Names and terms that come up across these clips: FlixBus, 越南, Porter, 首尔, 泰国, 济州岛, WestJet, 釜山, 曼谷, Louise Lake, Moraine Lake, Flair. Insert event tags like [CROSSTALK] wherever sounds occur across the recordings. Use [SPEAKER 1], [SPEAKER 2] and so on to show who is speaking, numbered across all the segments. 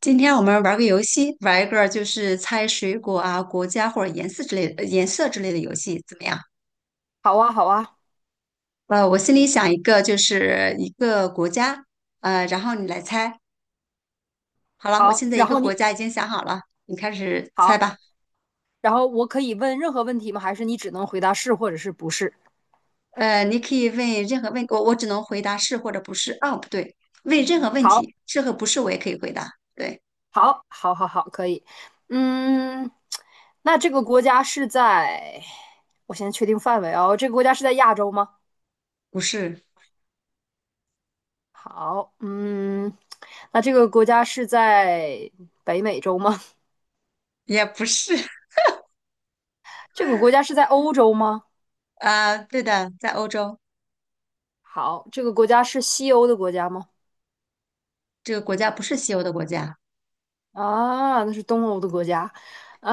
[SPEAKER 1] 今天我们玩个游戏，玩一个就是猜水果啊、国家或者颜色之类的、颜色之类的游戏，怎么样？
[SPEAKER 2] 好啊，好啊，
[SPEAKER 1] 我心里想一个，就是一个国家，然后你来猜。好了，我
[SPEAKER 2] 好。
[SPEAKER 1] 现在一
[SPEAKER 2] 然
[SPEAKER 1] 个
[SPEAKER 2] 后你
[SPEAKER 1] 国家已经想好了，你开始猜
[SPEAKER 2] 好，
[SPEAKER 1] 吧。
[SPEAKER 2] 然后我可以问任何问题吗？还是你只能回答是或者是不是？
[SPEAKER 1] 你可以问任何问，我只能回答是或者不是。哦，不对，问任何问
[SPEAKER 2] 好，
[SPEAKER 1] 题，是和不是我也可以回答。对，
[SPEAKER 2] 好，好，好，好，可以。嗯，那这个国家是在，我先确定范围哦。这个国家是在亚洲吗？
[SPEAKER 1] 不是
[SPEAKER 2] 好，嗯，那这个国家是在北美洲吗？
[SPEAKER 1] 也不是。[LAUGHS]
[SPEAKER 2] [LAUGHS] 这个国家是在欧洲吗？
[SPEAKER 1] 啊、对的，在欧洲，
[SPEAKER 2] 好，这个国家是西欧的国家吗？
[SPEAKER 1] 这个国家不是西欧的国家，
[SPEAKER 2] 啊，那是东欧的国家。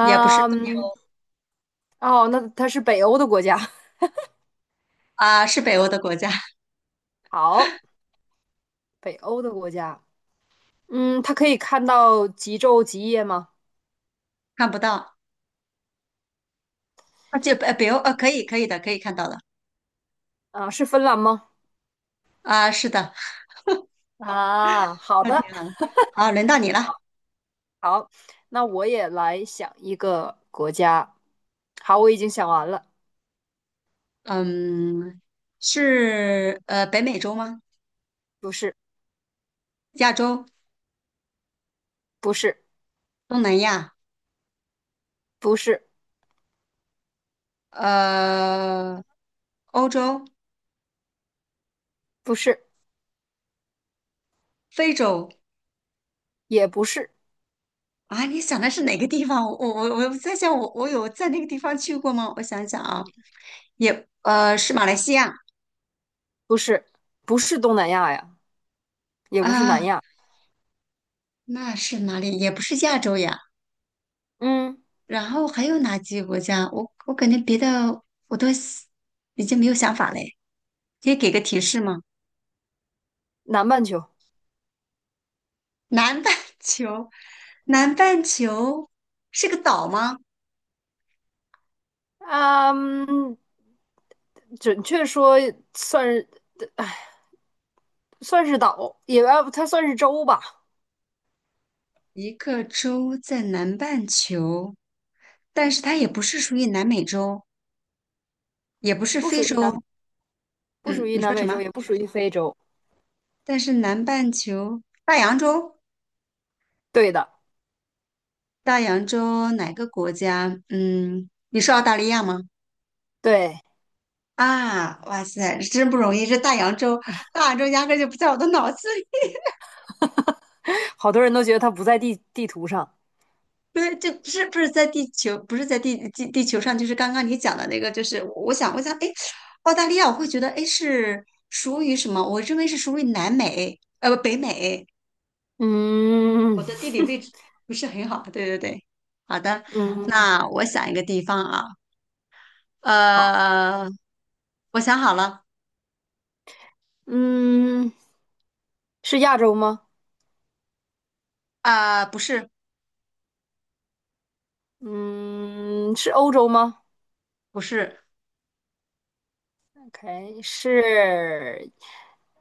[SPEAKER 1] 也不是东
[SPEAKER 2] 哦，那它是北欧的国家。
[SPEAKER 1] 啊、是北欧的国家。
[SPEAKER 2] 好，北欧的国家，嗯，他可以看到极昼极夜吗？
[SPEAKER 1] 看不到啊，这北欧可以的，可以看到的
[SPEAKER 2] 啊，是芬兰吗？
[SPEAKER 1] 啊，是的，
[SPEAKER 2] 啊，好
[SPEAKER 1] 那
[SPEAKER 2] 的，
[SPEAKER 1] 挺好的。好，轮到你了，
[SPEAKER 2] 好，那我也来想一个国家。好，我已经想完了。
[SPEAKER 1] 嗯，是北美洲吗？
[SPEAKER 2] 不是，
[SPEAKER 1] 亚洲、
[SPEAKER 2] 不是，
[SPEAKER 1] 东南亚、
[SPEAKER 2] 不是，
[SPEAKER 1] 呃欧洲、
[SPEAKER 2] 不是，
[SPEAKER 1] 非洲
[SPEAKER 2] 也不是，
[SPEAKER 1] 啊？你想的是哪个地方？我在想我，我有在那个地方去过吗？我想想啊，也是马来西亚
[SPEAKER 2] 不是，不是东南亚呀，也不是南
[SPEAKER 1] 啊，
[SPEAKER 2] 亚。
[SPEAKER 1] 那是哪里？也不是亚洲呀。
[SPEAKER 2] 嗯，
[SPEAKER 1] 然后还有哪几个国家？我感觉别的我都已经没有想法嘞。可以给个提示吗？
[SPEAKER 2] 南半球。
[SPEAKER 1] 南半球，[LAUGHS] 南半球是个岛吗？
[SPEAKER 2] 啊嗯，准确说算是岛，也要它算是洲吧。
[SPEAKER 1] 一个洲在南半球，但是它也不是属于南美洲，也不是
[SPEAKER 2] 不
[SPEAKER 1] 非
[SPEAKER 2] 属于南。
[SPEAKER 1] 洲。
[SPEAKER 2] 不属
[SPEAKER 1] 嗯，
[SPEAKER 2] 于
[SPEAKER 1] 你
[SPEAKER 2] 南
[SPEAKER 1] 说什
[SPEAKER 2] 美
[SPEAKER 1] 么？
[SPEAKER 2] 洲，也不属于非洲。
[SPEAKER 1] 但是南半球，大洋洲，
[SPEAKER 2] 对的。
[SPEAKER 1] 大洋洲哪个国家？嗯，你说澳大利亚吗？
[SPEAKER 2] 对，
[SPEAKER 1] 啊，哇塞，真不容易，这大洋洲，大洋洲压根儿就不在我的脑子里。
[SPEAKER 2] [LAUGHS] 好多人都觉得它不在地图上。
[SPEAKER 1] 对，这不是在地球，不是在地球上，就是刚刚你讲的那个，就是我想，我想，哎，澳大利亚，我会觉得，哎，是属于什么？我认为是属于南美，呃，不，北美。
[SPEAKER 2] 嗯
[SPEAKER 1] 我的地理位置不是很好，对对对。好的，
[SPEAKER 2] 嗯，
[SPEAKER 1] 那我想一个地方啊，
[SPEAKER 2] 好，
[SPEAKER 1] 呃，我想好了，
[SPEAKER 2] 嗯，是亚洲吗？
[SPEAKER 1] 啊、不是，
[SPEAKER 2] 嗯，是欧洲吗
[SPEAKER 1] 不是，
[SPEAKER 2] ？OK，是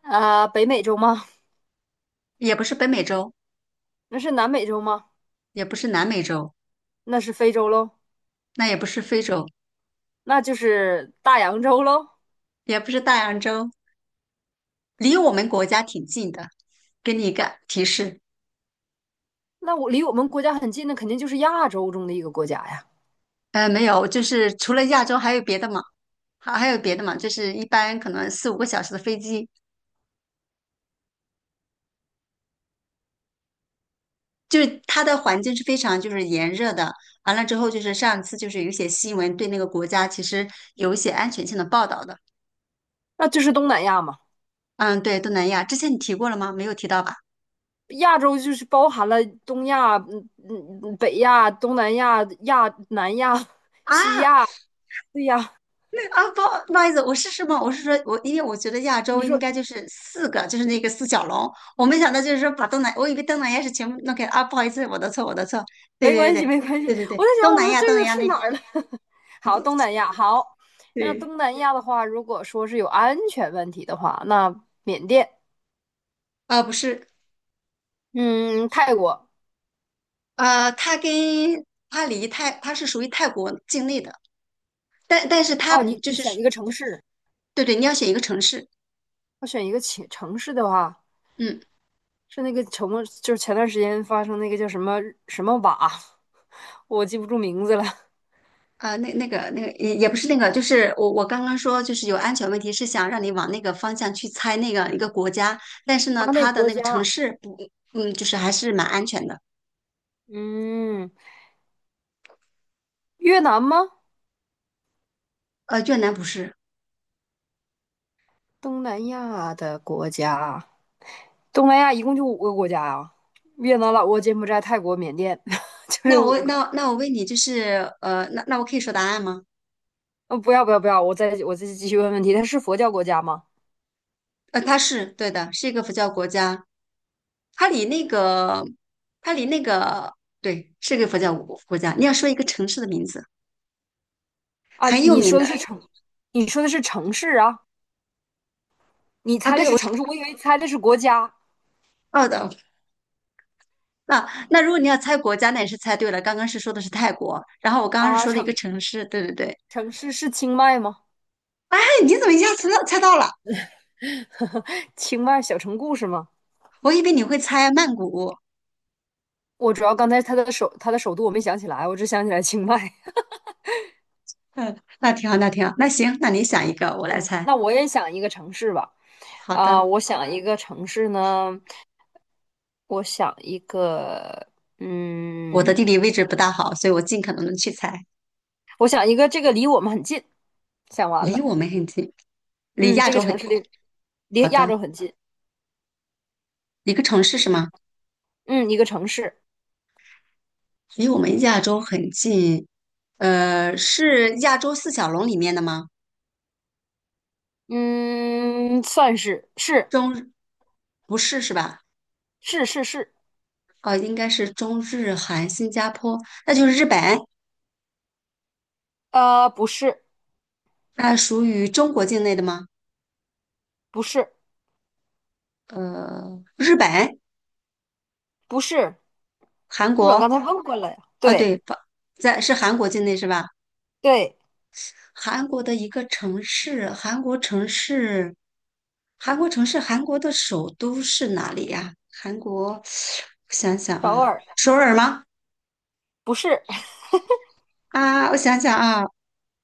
[SPEAKER 2] 北美洲吗？
[SPEAKER 1] 也不是北美洲，
[SPEAKER 2] 那是南美洲吗？
[SPEAKER 1] 也不是南美洲，
[SPEAKER 2] 那是非洲喽，
[SPEAKER 1] 那也不是非洲，
[SPEAKER 2] 那就是大洋洲喽。
[SPEAKER 1] 也不是大洋洲，离我们国家挺近的，给你一个提示。
[SPEAKER 2] 那我离我们国家很近的，肯定就是亚洲中的一个国家呀，
[SPEAKER 1] 没有，就是除了亚洲还有别的嘛，还有别的嘛，就是一般可能四五个小时的飞机，它的环境是非常就是炎热的。完了之后，就是上次就是有一些新闻对那个国家其实有一些安全性的报道的。
[SPEAKER 2] 那就是东南亚嘛。
[SPEAKER 1] 嗯，对，东南亚之前你提过了吗？没有提到吧？
[SPEAKER 2] 亚洲就是包含了东亚、北亚、东南亚、亚南亚、
[SPEAKER 1] 啊
[SPEAKER 2] 西亚。对呀，
[SPEAKER 1] 啊，不好意思，我是什么？我是说我因为我觉得亚洲
[SPEAKER 2] 你
[SPEAKER 1] 应
[SPEAKER 2] 说
[SPEAKER 1] 该就是四个，就是那个四小龙，我没想到就是说把东南，我以为东南亚是全部弄开。啊，不好意思，我的错，我的错，对
[SPEAKER 2] 没
[SPEAKER 1] 对
[SPEAKER 2] 关系
[SPEAKER 1] 对
[SPEAKER 2] 没关系，
[SPEAKER 1] 对对对
[SPEAKER 2] 我
[SPEAKER 1] 对，
[SPEAKER 2] 在想我说这
[SPEAKER 1] 东南
[SPEAKER 2] 个
[SPEAKER 1] 亚
[SPEAKER 2] 去
[SPEAKER 1] 那
[SPEAKER 2] 哪
[SPEAKER 1] 边。
[SPEAKER 2] 儿了？[LAUGHS] 好，东南
[SPEAKER 1] [LAUGHS]
[SPEAKER 2] 亚好。那
[SPEAKER 1] 对，
[SPEAKER 2] 东南亚的话，如果说是有安全问题的话，那缅甸，
[SPEAKER 1] 啊、不是，
[SPEAKER 2] 嗯，泰国。
[SPEAKER 1] 呃，它离泰，它是属于泰国境内的，但是它
[SPEAKER 2] 哦，你
[SPEAKER 1] 就是
[SPEAKER 2] 选一个城市，
[SPEAKER 1] 对对，你要选一个城市，
[SPEAKER 2] 我选一个城市的话。
[SPEAKER 1] 嗯，
[SPEAKER 2] 是那个城，就是前段时间发生那个叫什么什么瓦，[LAUGHS] 我记不住名字了。[LAUGHS]
[SPEAKER 1] 啊、那个也也不是那个，就是我刚刚说就是有安全问题，是想让你往那个方向去猜那个一个国家，但是
[SPEAKER 2] 他
[SPEAKER 1] 呢，
[SPEAKER 2] 那个
[SPEAKER 1] 它的
[SPEAKER 2] 国
[SPEAKER 1] 那个城
[SPEAKER 2] 家，
[SPEAKER 1] 市不，嗯，就是还是蛮安全的，
[SPEAKER 2] 嗯。越南吗？
[SPEAKER 1] 呃，越南不是，
[SPEAKER 2] 东南亚的国家，东南亚一共就五个国家啊，越南、老挝、柬埔寨、泰国、缅甸，[LAUGHS] 就这
[SPEAKER 1] 那我
[SPEAKER 2] 五个。
[SPEAKER 1] 那那我问你，就是呃，那我可以说答案吗？
[SPEAKER 2] 呃，不要，我再继续问问题，它是佛教国家吗？
[SPEAKER 1] 呃，它是对的，是一个佛教国家，它离那个，它离那个，对，是个佛教国家。你要说一个城市的名字，
[SPEAKER 2] 啊，
[SPEAKER 1] 很有
[SPEAKER 2] 你
[SPEAKER 1] 名
[SPEAKER 2] 说的
[SPEAKER 1] 的
[SPEAKER 2] 是城，你说的是城市啊？你
[SPEAKER 1] 啊，
[SPEAKER 2] 猜的
[SPEAKER 1] 对，
[SPEAKER 2] 是
[SPEAKER 1] 我是知
[SPEAKER 2] 城市，我以为猜的是国家。
[SPEAKER 1] 道的。那那如果你要猜国家，那也是猜对了。刚刚是说的是泰国，然后我刚刚是
[SPEAKER 2] 啊。
[SPEAKER 1] 说的一
[SPEAKER 2] 城
[SPEAKER 1] 个城市，对对对。
[SPEAKER 2] 城市是清迈吗？
[SPEAKER 1] 哎，你怎么一下子猜到了？
[SPEAKER 2] [LAUGHS] 清迈小城故事吗？
[SPEAKER 1] 我以为你会猜曼谷。
[SPEAKER 2] 我主要刚才它的首都我没想起来，我只想起来清迈。
[SPEAKER 1] 嗯，那挺好，那挺好，那行，那你想一个，我
[SPEAKER 2] [LAUGHS]
[SPEAKER 1] 来
[SPEAKER 2] 嗯，
[SPEAKER 1] 猜。
[SPEAKER 2] 那我也想一个城市吧。
[SPEAKER 1] 好
[SPEAKER 2] 啊，
[SPEAKER 1] 的，
[SPEAKER 2] 我想一个城市呢，我想一个，
[SPEAKER 1] 我的
[SPEAKER 2] 嗯，
[SPEAKER 1] 地理位置不大好，所以我尽可能的去猜，
[SPEAKER 2] 我想一个，这个离我们很近。想完
[SPEAKER 1] 离
[SPEAKER 2] 了，
[SPEAKER 1] 我们很近，离
[SPEAKER 2] 嗯，
[SPEAKER 1] 亚
[SPEAKER 2] 这个
[SPEAKER 1] 洲很
[SPEAKER 2] 城
[SPEAKER 1] 近。
[SPEAKER 2] 市离
[SPEAKER 1] 好
[SPEAKER 2] 亚
[SPEAKER 1] 的。
[SPEAKER 2] 洲很近，
[SPEAKER 1] 一个城市是吗？
[SPEAKER 2] 嗯，一个城市，
[SPEAKER 1] 离我们亚洲很近，呃，是亚洲四小龙里面的吗？
[SPEAKER 2] 嗯，算是
[SPEAKER 1] 中，不是是吧？
[SPEAKER 2] 是。
[SPEAKER 1] 哦，应该是中日韩新加坡，那就是日本，
[SPEAKER 2] 不是
[SPEAKER 1] 那属于中国境内的吗？
[SPEAKER 2] 不是
[SPEAKER 1] 呃，日本、
[SPEAKER 2] 不是，
[SPEAKER 1] 韩
[SPEAKER 2] 不是我刚
[SPEAKER 1] 国，
[SPEAKER 2] 才问过了呀，
[SPEAKER 1] 啊，
[SPEAKER 2] 对
[SPEAKER 1] 对，不在是韩国境内是吧？
[SPEAKER 2] 对，
[SPEAKER 1] 韩国的一个城市，韩国城市，韩国的首都是哪里呀？韩国，[SIGHS] [SUCKS TEETH] 我想想
[SPEAKER 2] 首
[SPEAKER 1] 啊，
[SPEAKER 2] 尔
[SPEAKER 1] 首尔吗？
[SPEAKER 2] 不是。[LAUGHS]
[SPEAKER 1] 啊，我想想啊，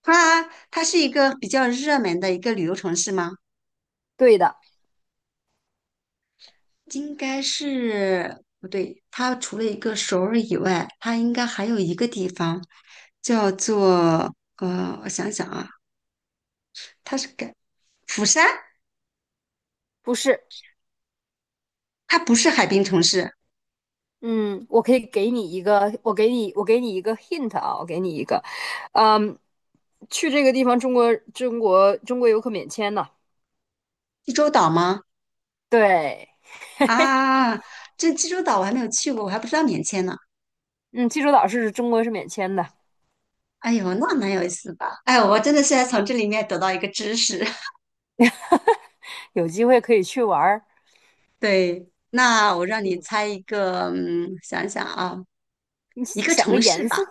[SPEAKER 1] 它它是一个比较热门的一个旅游城市吗？
[SPEAKER 2] 对的，
[SPEAKER 1] 应该是不对，它除了一个首尔以外，它应该还有一个地方叫做我想想啊，它是改釜山，
[SPEAKER 2] 不是，
[SPEAKER 1] 它不是海滨城市，
[SPEAKER 2] 嗯，我可以给你一个，我给你，我给你一个 hint 啊，我给你一个，嗯，去这个地方，中国游客免签呢、
[SPEAKER 1] 济州岛吗？
[SPEAKER 2] 对，
[SPEAKER 1] 啊，这济州岛我还没有去过，我还不知道免签呢。
[SPEAKER 2] 嗯，济州岛是中国是免签的。
[SPEAKER 1] 哎呦，那蛮有意思的。哎，我真的是要从这里面得到一个知识。
[SPEAKER 2] [LAUGHS] 有机会可以去玩儿。
[SPEAKER 1] 对，那我让你猜一个，嗯，想想啊，
[SPEAKER 2] 你
[SPEAKER 1] 一个
[SPEAKER 2] 想个
[SPEAKER 1] 城市
[SPEAKER 2] 颜
[SPEAKER 1] 吧，
[SPEAKER 2] 色，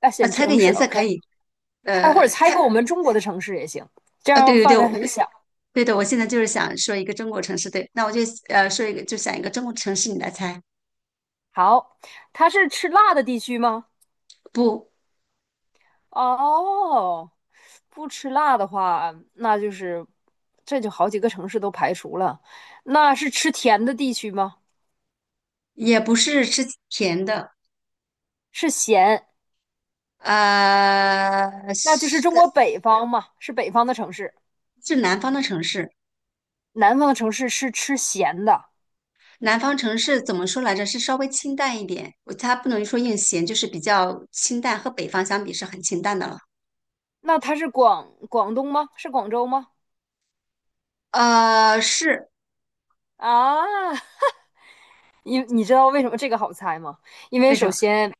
[SPEAKER 2] 啊，
[SPEAKER 1] 啊，
[SPEAKER 2] 选
[SPEAKER 1] 猜个
[SPEAKER 2] 城市
[SPEAKER 1] 颜色可
[SPEAKER 2] ，OK，
[SPEAKER 1] 以，
[SPEAKER 2] 哎，或者
[SPEAKER 1] 呃，
[SPEAKER 2] 猜
[SPEAKER 1] 猜，
[SPEAKER 2] 个我们中国的城市也行，这
[SPEAKER 1] 啊，对
[SPEAKER 2] 样
[SPEAKER 1] 对对，
[SPEAKER 2] 范围很小。
[SPEAKER 1] 对的，我现在就是想说一个中国城市，对，那我就说一个，就想一个中国城市，你来猜，
[SPEAKER 2] 好，它是吃辣的地区吗？
[SPEAKER 1] 不，
[SPEAKER 2] 哦，不吃辣的话，那就是这就好几个城市都排除了。那是吃甜的地区吗？
[SPEAKER 1] 也不是吃甜的，
[SPEAKER 2] 是咸，
[SPEAKER 1] 呃，
[SPEAKER 2] 那就是
[SPEAKER 1] 是
[SPEAKER 2] 中国北方嘛，是北方的城市。
[SPEAKER 1] 是南方的城市，
[SPEAKER 2] 南方的城市是吃咸的，
[SPEAKER 1] 南方城市怎么说来着？是稍微清淡一点，我它不能说硬咸，就是比较清淡，和北方相比是很清淡的了，
[SPEAKER 2] 那它是广东吗？是广州吗？
[SPEAKER 1] 呃，是
[SPEAKER 2] 啊，[LAUGHS] 因你知道为什么这个好猜吗？因为
[SPEAKER 1] 为什
[SPEAKER 2] 首
[SPEAKER 1] 么？
[SPEAKER 2] 先，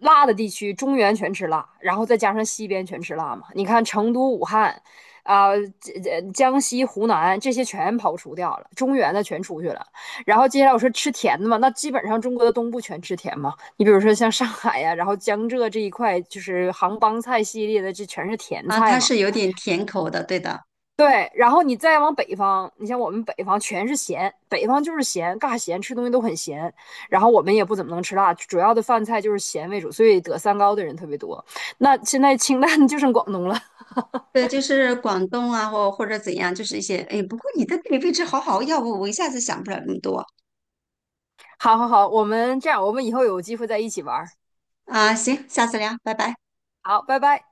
[SPEAKER 2] 辣的地区中原全吃辣，然后再加上西边全吃辣嘛。你看成都、武汉，这江西、湖南这些全刨除掉了，中原的全出去了。然后接下来我说吃甜的嘛，那基本上中国的东部全吃甜嘛。你比如说像上海呀、然后江浙这一块，就是杭帮菜系列的，这全是甜
[SPEAKER 1] 啊，
[SPEAKER 2] 菜
[SPEAKER 1] 它
[SPEAKER 2] 嘛。
[SPEAKER 1] 是有点甜口的，对的，
[SPEAKER 2] 对，然后你再往北方，你像我们北方全是咸，北方就是咸，尬咸，吃东西都很咸。然后我们也不怎么能吃辣，主要的饭菜就是咸为主，所以得三高的人特别多。那现在清淡就剩广东了。[LAUGHS]
[SPEAKER 1] 对，就是广东啊，或者怎样，就是一些，哎，不过你的地理位置好好，要不我一下子想不了那么多
[SPEAKER 2] 好好好，我们这样，我们以后有机会再一起玩儿。
[SPEAKER 1] 啊，行，下次聊，拜拜。
[SPEAKER 2] 好，拜拜。